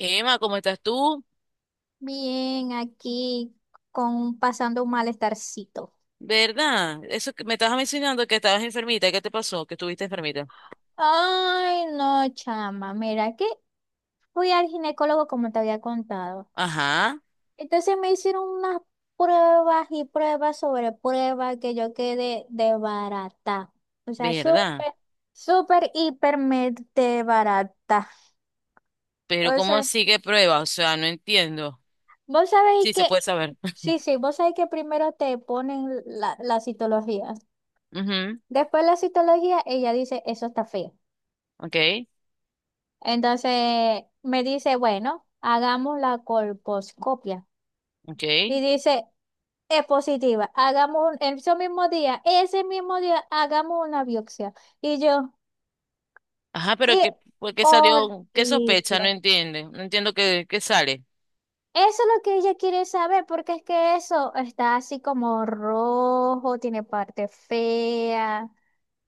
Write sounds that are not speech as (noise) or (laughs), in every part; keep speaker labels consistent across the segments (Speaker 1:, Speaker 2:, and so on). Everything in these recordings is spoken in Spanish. Speaker 1: Emma, ¿cómo estás tú?
Speaker 2: Bien, aquí con pasando un malestarcito.
Speaker 1: ¿Verdad? Eso que me estabas mencionando, que estabas enfermita. ¿Qué te pasó? Que estuviste enfermita.
Speaker 2: Ay, no, chama, mira que fui al ginecólogo como te había contado.
Speaker 1: Ajá.
Speaker 2: Entonces me hicieron unas pruebas y pruebas sobre pruebas que yo quedé de barata. O sea,
Speaker 1: ¿Verdad?
Speaker 2: súper, súper, hiper, de barata.
Speaker 1: Pero
Speaker 2: O
Speaker 1: ¿cómo
Speaker 2: sea,
Speaker 1: así que prueba? O sea, no entiendo.
Speaker 2: vos sabéis
Speaker 1: Sí, se
Speaker 2: que,
Speaker 1: puede saber. (laughs)
Speaker 2: sí, sí, vos sabéis que primero te ponen la citología.
Speaker 1: Ujú.
Speaker 2: Después la citología, ella dice, eso está feo.
Speaker 1: Ok,
Speaker 2: Entonces me dice, bueno, hagamos la colposcopia.
Speaker 1: ok.
Speaker 2: Y dice, es positiva. Ese mismo día, hagamos una biopsia. Y yo,
Speaker 1: Ajá, pero
Speaker 2: qué
Speaker 1: ¿por qué salió? ¿Qué sospecha? No
Speaker 2: horrible.
Speaker 1: entiende. No entiendo qué sale.
Speaker 2: Eso es lo que ella quiere saber, porque es que eso está así como rojo, tiene parte fea.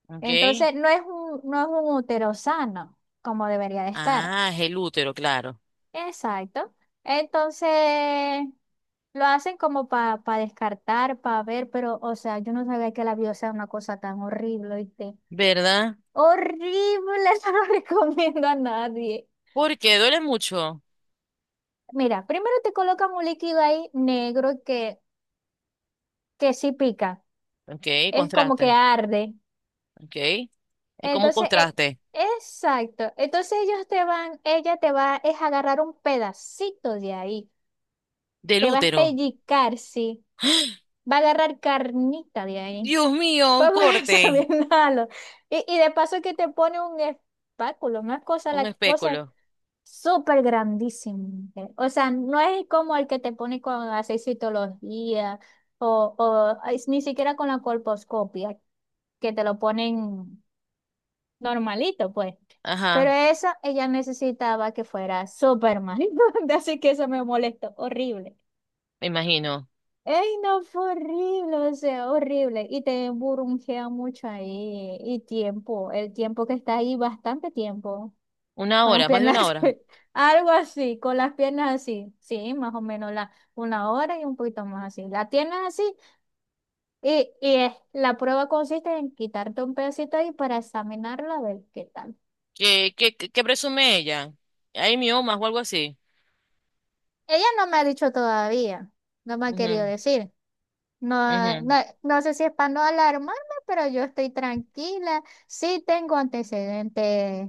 Speaker 1: Ok.
Speaker 2: Entonces no es un útero sano, como debería de estar.
Speaker 1: Ah, es el útero, claro.
Speaker 2: Exacto. Entonces, lo hacen como para descartar, para ver, pero, o sea, yo no sabía que la vida sea una cosa tan horrible, ¿oíste?
Speaker 1: ¿Verdad?
Speaker 2: Horrible, (laughs) eso no lo recomiendo a nadie.
Speaker 1: Porque duele mucho.
Speaker 2: Mira, primero te colocan un líquido ahí negro que sí pica,
Speaker 1: Ok,
Speaker 2: es como que
Speaker 1: contraste.
Speaker 2: arde.
Speaker 1: Ok. Es como un
Speaker 2: Entonces,
Speaker 1: contraste
Speaker 2: exacto. Ella te va es a agarrar un pedacito de ahí,
Speaker 1: del
Speaker 2: te va a
Speaker 1: útero.
Speaker 2: pellizcar, sí, va a agarrar carnita de ahí.
Speaker 1: Dios mío, un
Speaker 2: Vamos a
Speaker 1: corte.
Speaker 2: Bienalo. (laughs) Y de paso que te pone un espáculo, una cosa,
Speaker 1: Un
Speaker 2: la cosa
Speaker 1: espéculo.
Speaker 2: súper grandísima. O sea, no es como el que te pone con la citología o es ni siquiera con la colposcopia, que te lo ponen normalito, pues. Pero
Speaker 1: Ajá,
Speaker 2: esa ella necesitaba que fuera súper mal. (laughs) Así que eso me molestó, horrible.
Speaker 1: me imagino.
Speaker 2: Ey, no, fue horrible, o sea, horrible. Y te burungea mucho ahí. Y tiempo, el tiempo que está ahí, bastante tiempo.
Speaker 1: Una
Speaker 2: Con las
Speaker 1: hora, más de una
Speaker 2: piernas,
Speaker 1: hora.
Speaker 2: (laughs) algo así, con las piernas así. Sí, más o menos una hora y un poquito más así. La tienes así y, la prueba consiste en quitarte un pedacito ahí para examinarla a ver qué tal.
Speaker 1: ¿Qué, qué, qué, qué presume ella? ¿Hay miomas o algo así?
Speaker 2: Ella no me ha dicho todavía, no me ha querido
Speaker 1: Ujú,
Speaker 2: decir. No,
Speaker 1: ujú.
Speaker 2: no, no sé si es para no alarmarme, pero yo estoy tranquila. Sí tengo antecedentes,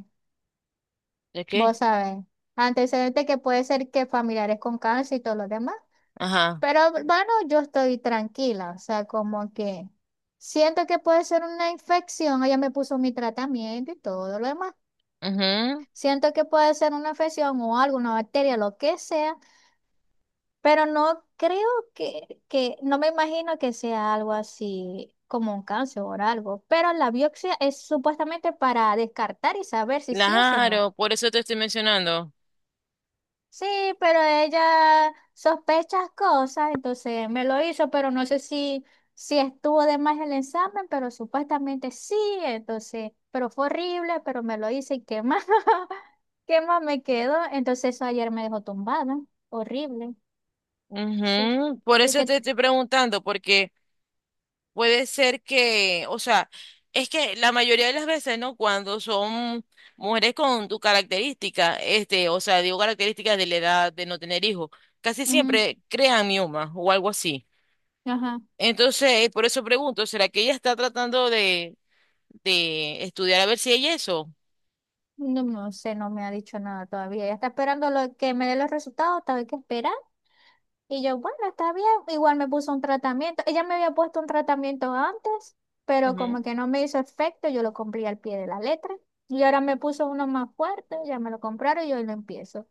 Speaker 1: ¿De qué?
Speaker 2: vos sabés, antecedentes que puede ser que familiares con cáncer y todo lo demás.
Speaker 1: Ajá.
Speaker 2: Pero bueno, yo estoy tranquila, o sea, como que siento que puede ser una infección. Ella me puso mi tratamiento y todo lo demás.
Speaker 1: Ujú.
Speaker 2: Siento que puede ser una infección o alguna bacteria, lo que sea. Pero no creo no me imagino que sea algo así como un cáncer o algo. Pero la biopsia es supuestamente para descartar y saber si sí o si no.
Speaker 1: Claro, por eso te estoy mencionando.
Speaker 2: Sí, pero ella sospecha cosas, entonces me lo hizo, pero no sé si, si estuvo de más el examen, pero supuestamente sí, entonces, pero fue horrible, pero me lo hice y qué más, (laughs) qué más me quedó. Entonces eso ayer me dejó tumbada, horrible. Sí.
Speaker 1: Ujú. Por
Speaker 2: Es
Speaker 1: eso
Speaker 2: que
Speaker 1: te estoy preguntando, porque puede ser que, o sea, es que la mayoría de las veces, ¿no? Cuando son mujeres con tu característica, este, o sea, digo, características de la edad de no tener hijos, casi
Speaker 2: ujú,
Speaker 1: siempre crean miomas o algo así.
Speaker 2: ajá.
Speaker 1: Entonces, por eso pregunto, ¿será que ella está tratando de estudiar a ver si hay eso?
Speaker 2: No, no sé, no me ha dicho nada todavía. Ella está esperando lo, que me dé los resultados, todavía hay que esperar. Y yo, bueno, está bien. Igual me puso un tratamiento. Ella me había puesto un tratamiento antes, pero como
Speaker 1: Ujú.
Speaker 2: que no me hizo efecto, yo lo compré al pie de la letra. Y ahora me puso uno más fuerte, ya me lo compraron y hoy lo empiezo.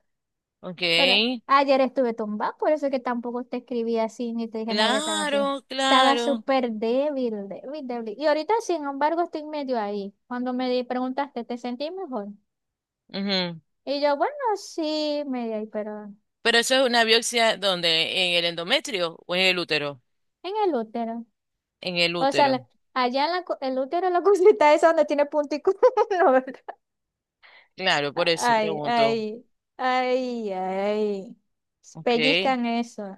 Speaker 1: Ok,
Speaker 2: Pero ayer estuve tumbada, por eso es que tampoco te escribí así, ni te dije nada, yo estaba así.
Speaker 1: claro,
Speaker 2: Estaba
Speaker 1: claro.
Speaker 2: súper débil, débil, débil. Y ahorita, sin embargo, estoy medio ahí. Cuando preguntaste, ¿te sentí mejor?
Speaker 1: Ujú.
Speaker 2: Y yo, bueno, sí, me di ahí, pero
Speaker 1: Pero eso es una biopsia, donde, en el endometrio o en el útero?
Speaker 2: en el útero.
Speaker 1: En el
Speaker 2: O sea,
Speaker 1: útero.
Speaker 2: allá en el útero, la (laughs) cosita esa donde tiene puntico. (laughs) No, ¿verdad?
Speaker 1: Claro, por eso
Speaker 2: Ay,
Speaker 1: pregunto.
Speaker 2: ay, ay, ay.
Speaker 1: Ok.
Speaker 2: Pellizcan eso.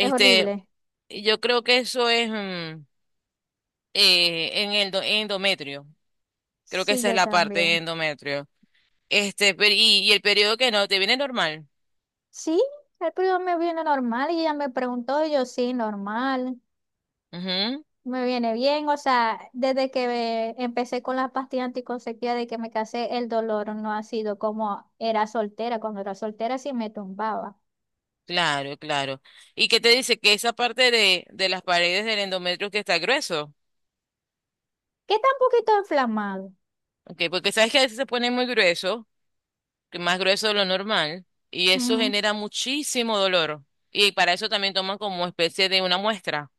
Speaker 2: Es horrible.
Speaker 1: yo creo que eso es en el do- endometrio. Creo que
Speaker 2: Sí,
Speaker 1: esa es
Speaker 2: yo
Speaker 1: la parte de
Speaker 2: también.
Speaker 1: endometrio. Este, pero- y el periodo, que no, te viene normal?
Speaker 2: Sí, el primo me viene normal y ella me preguntó, y yo, sí, normal.
Speaker 1: Ujú.
Speaker 2: Me viene bien, o sea, desde que empecé con las pastillas anticonceptivas, de que me casé, el dolor no ha sido como era soltera. Cuando era soltera sí me tumbaba.
Speaker 1: Claro, claro. ¿Y qué te dice? Que esa parte de las paredes del endometrio, que está grueso.
Speaker 2: Que está un poquito inflamado.
Speaker 1: Okay, porque sabes que a veces se pone muy grueso, que más grueso de lo normal, y eso
Speaker 2: Ujú.
Speaker 1: genera muchísimo dolor. Y para eso también toman como especie de una muestra,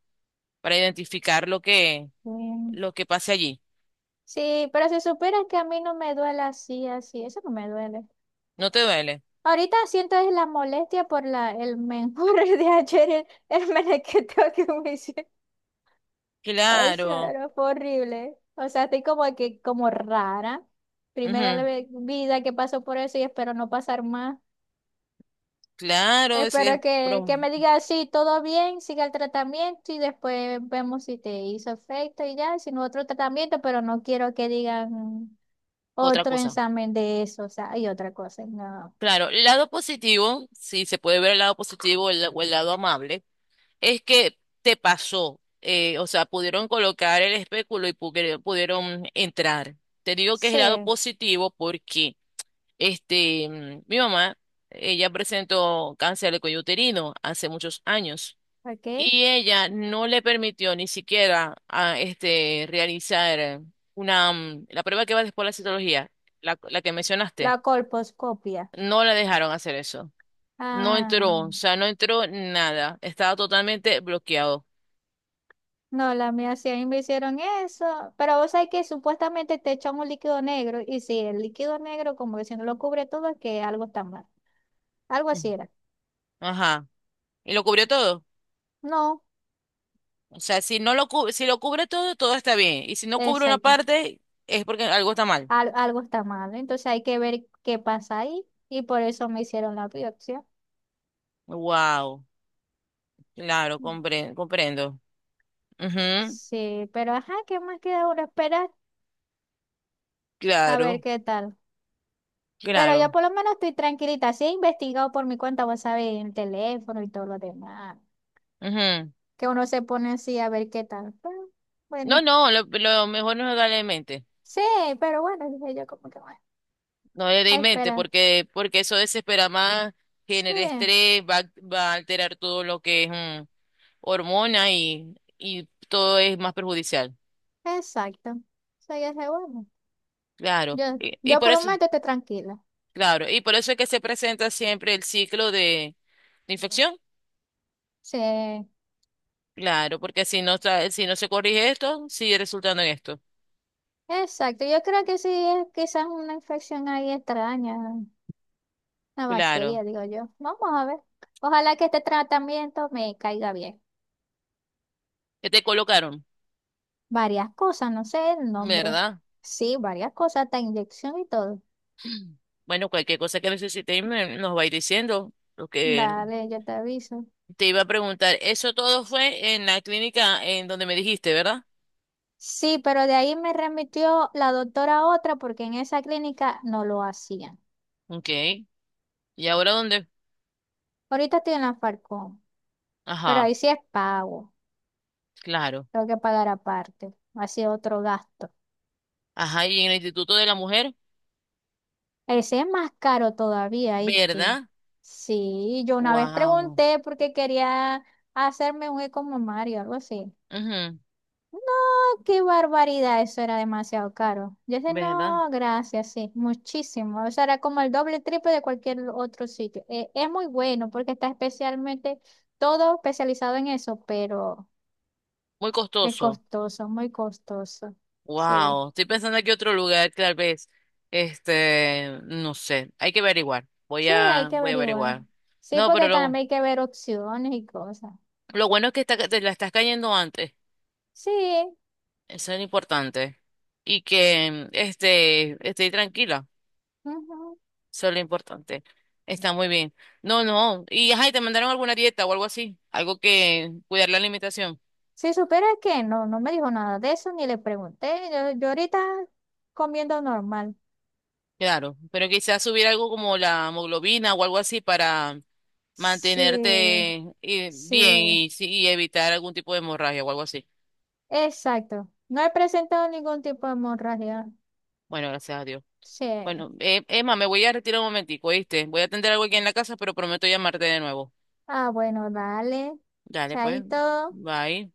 Speaker 1: para identificar
Speaker 2: Mm.
Speaker 1: lo que pase allí.
Speaker 2: Sí, pero si supieras que a mí no me duele así, así, eso no me duele.
Speaker 1: ¿No te duele?
Speaker 2: Ahorita siento es la molestia por el menjurre (laughs) de ayer, el menequeteo que me hice. O sea,
Speaker 1: Claro.
Speaker 2: era horrible. O sea, estoy como que, como rara. Primera
Speaker 1: Ujú.
Speaker 2: vida que paso por eso y espero no pasar más.
Speaker 1: Claro, es
Speaker 2: Espero que
Speaker 1: pero
Speaker 2: me diga sí, todo bien, siga el tratamiento y después vemos si te hizo efecto y ya, sino otro tratamiento, pero no quiero que digan
Speaker 1: otra
Speaker 2: otro
Speaker 1: cosa.
Speaker 2: examen de eso, o sea, hay otra cosa, no.
Speaker 1: Claro, el lado positivo, sí, se puede ver el lado positivo el- o el lado amable es que te pasó. O sea, pudieron colocar el espéculo y pu- pudieron entrar. Te digo que es el lado
Speaker 2: Sí,
Speaker 1: positivo porque este, mi mamá, ella presentó cáncer de cuello uterino hace muchos años
Speaker 2: ok.
Speaker 1: y ella no le permitió ni siquiera a, este, realizar una, la prueba que va después de la citología, la que
Speaker 2: La
Speaker 1: mencionaste,
Speaker 2: colposcopia.
Speaker 1: no la dejaron hacer eso. No entró,
Speaker 2: Ah,
Speaker 1: o sea, no entró nada, estaba totalmente bloqueado.
Speaker 2: no, la mía sí, a mí me hicieron eso, pero vos sabés que supuestamente te echan un líquido negro y si el líquido negro como que si no lo cubre todo es que algo está mal, algo así era.
Speaker 1: Ajá. Y lo cubrió todo.
Speaker 2: No,
Speaker 1: O sea, si no lo cu- si lo cubre todo, todo está bien. Y si no cubre una
Speaker 2: exacto.
Speaker 1: parte, es porque algo está mal.
Speaker 2: Algo está mal, ¿no? Entonces hay que ver qué pasa ahí y por eso me hicieron la biopsia.
Speaker 1: Wow. Claro, compre- comprendo. Ujú.
Speaker 2: Sí, pero ajá, ¿qué más queda ahora esperar? A ver
Speaker 1: Claro,
Speaker 2: qué tal. Pero
Speaker 1: claro.
Speaker 2: yo por lo menos estoy tranquilita. Sí, he investigado por mi cuenta, vos sabés, en el teléfono y todo lo demás.
Speaker 1: Ujú.
Speaker 2: Que uno se pone así a ver qué tal. Pero,
Speaker 1: No,
Speaker 2: bueno,
Speaker 1: no, lo mejor no es darle en mente.
Speaker 2: sí, pero bueno, dije yo como que bueno,
Speaker 1: No le dé
Speaker 2: a
Speaker 1: en mente,
Speaker 2: esperar.
Speaker 1: porque, porque eso desespera más, genera
Speaker 2: Sí,
Speaker 1: estrés, va, a- va a alterar todo lo que es hormona y todo es más perjudicial.
Speaker 2: exacto. Soy ese bueno.
Speaker 1: Claro.
Speaker 2: Yo,
Speaker 1: Y
Speaker 2: yo
Speaker 1: por
Speaker 2: por lo
Speaker 1: eso.
Speaker 2: menos estoy tranquila.
Speaker 1: Claro, y por eso es que se presenta siempre el ciclo de infección.
Speaker 2: Sí.
Speaker 1: Claro, porque si no, tra- si no se corrige esto, sigue resultando en esto.
Speaker 2: Exacto, yo creo que sí es quizás una infección ahí extraña, una
Speaker 1: Claro.
Speaker 2: bacteria, digo yo. Vamos a ver. Ojalá que este tratamiento me caiga bien.
Speaker 1: ¿Qué te colocaron?
Speaker 2: Varias cosas, no sé el nombre.
Speaker 1: ¿Verdad?
Speaker 2: Sí, varias cosas, hasta inyección y todo.
Speaker 1: Bueno, cualquier cosa que necesitéis me- nos vais diciendo. Lo que
Speaker 2: Dale, yo te aviso.
Speaker 1: te iba a preguntar, eso todo fue en la clínica en donde me dijiste, ¿verdad?
Speaker 2: Sí, pero de ahí me remitió la doctora a otra porque en esa clínica no lo hacían.
Speaker 1: Ok. ¿Y ahora dónde?
Speaker 2: Ahorita estoy en la Falcón, pero ahí
Speaker 1: Ajá,
Speaker 2: sí es pago.
Speaker 1: claro.
Speaker 2: Tengo que pagar aparte. Así otro gasto.
Speaker 1: Ajá, ¿y en el Instituto de la Mujer,
Speaker 2: Ese es más caro todavía, ¿viste?
Speaker 1: ¿verdad?
Speaker 2: Sí, yo una vez
Speaker 1: Wow.
Speaker 2: pregunté porque quería hacerme un eco mamario, algo así. No, qué barbaridad, eso era demasiado caro. Yo dije,
Speaker 1: ¿Verdad?
Speaker 2: no, gracias, sí, muchísimo. O sea, era como el doble, triple de cualquier otro sitio. Es muy bueno porque está especialmente todo especializado en eso, pero
Speaker 1: Muy
Speaker 2: es
Speaker 1: costoso.
Speaker 2: costoso, muy costoso. Sí,
Speaker 1: Wow, estoy pensando aquí otro lugar, tal vez. Este, no sé, hay que averiguar.
Speaker 2: sí, hay que
Speaker 1: Voy a
Speaker 2: averiguar.
Speaker 1: averiguar.
Speaker 2: Sí,
Speaker 1: No, pero
Speaker 2: porque también hay que ver opciones y cosas.
Speaker 1: lo bueno es que está- te la estás cayendo antes.
Speaker 2: Sí.
Speaker 1: Eso es lo importante. Y que, este, estoy tranquila.
Speaker 2: Ujú.
Speaker 1: Eso es lo importante. Está muy bien. No, no. Y, ajá, ¿y te mandaron alguna dieta o algo así? Algo, que cuidar la alimentación.
Speaker 2: Si supiera que no, no me dijo nada de eso, ni le pregunté. Yo ahorita comiendo normal.
Speaker 1: Claro, pero quizás subir algo como la hemoglobina o algo así para
Speaker 2: Sí,
Speaker 1: mantenerte bien
Speaker 2: sí,
Speaker 1: y, sí, y evitar algún tipo de hemorragia o algo así.
Speaker 2: exacto. No he presentado ningún tipo de hemorragia.
Speaker 1: Bueno, gracias a Dios.
Speaker 2: Sí.
Speaker 1: Bueno, Emma, me voy a retirar un momentico, ¿oíste? Voy a atender algo aquí en la casa, pero prometo llamarte de nuevo.
Speaker 2: Ah, bueno, dale.
Speaker 1: Dale, pues.
Speaker 2: Chaito.
Speaker 1: Bye.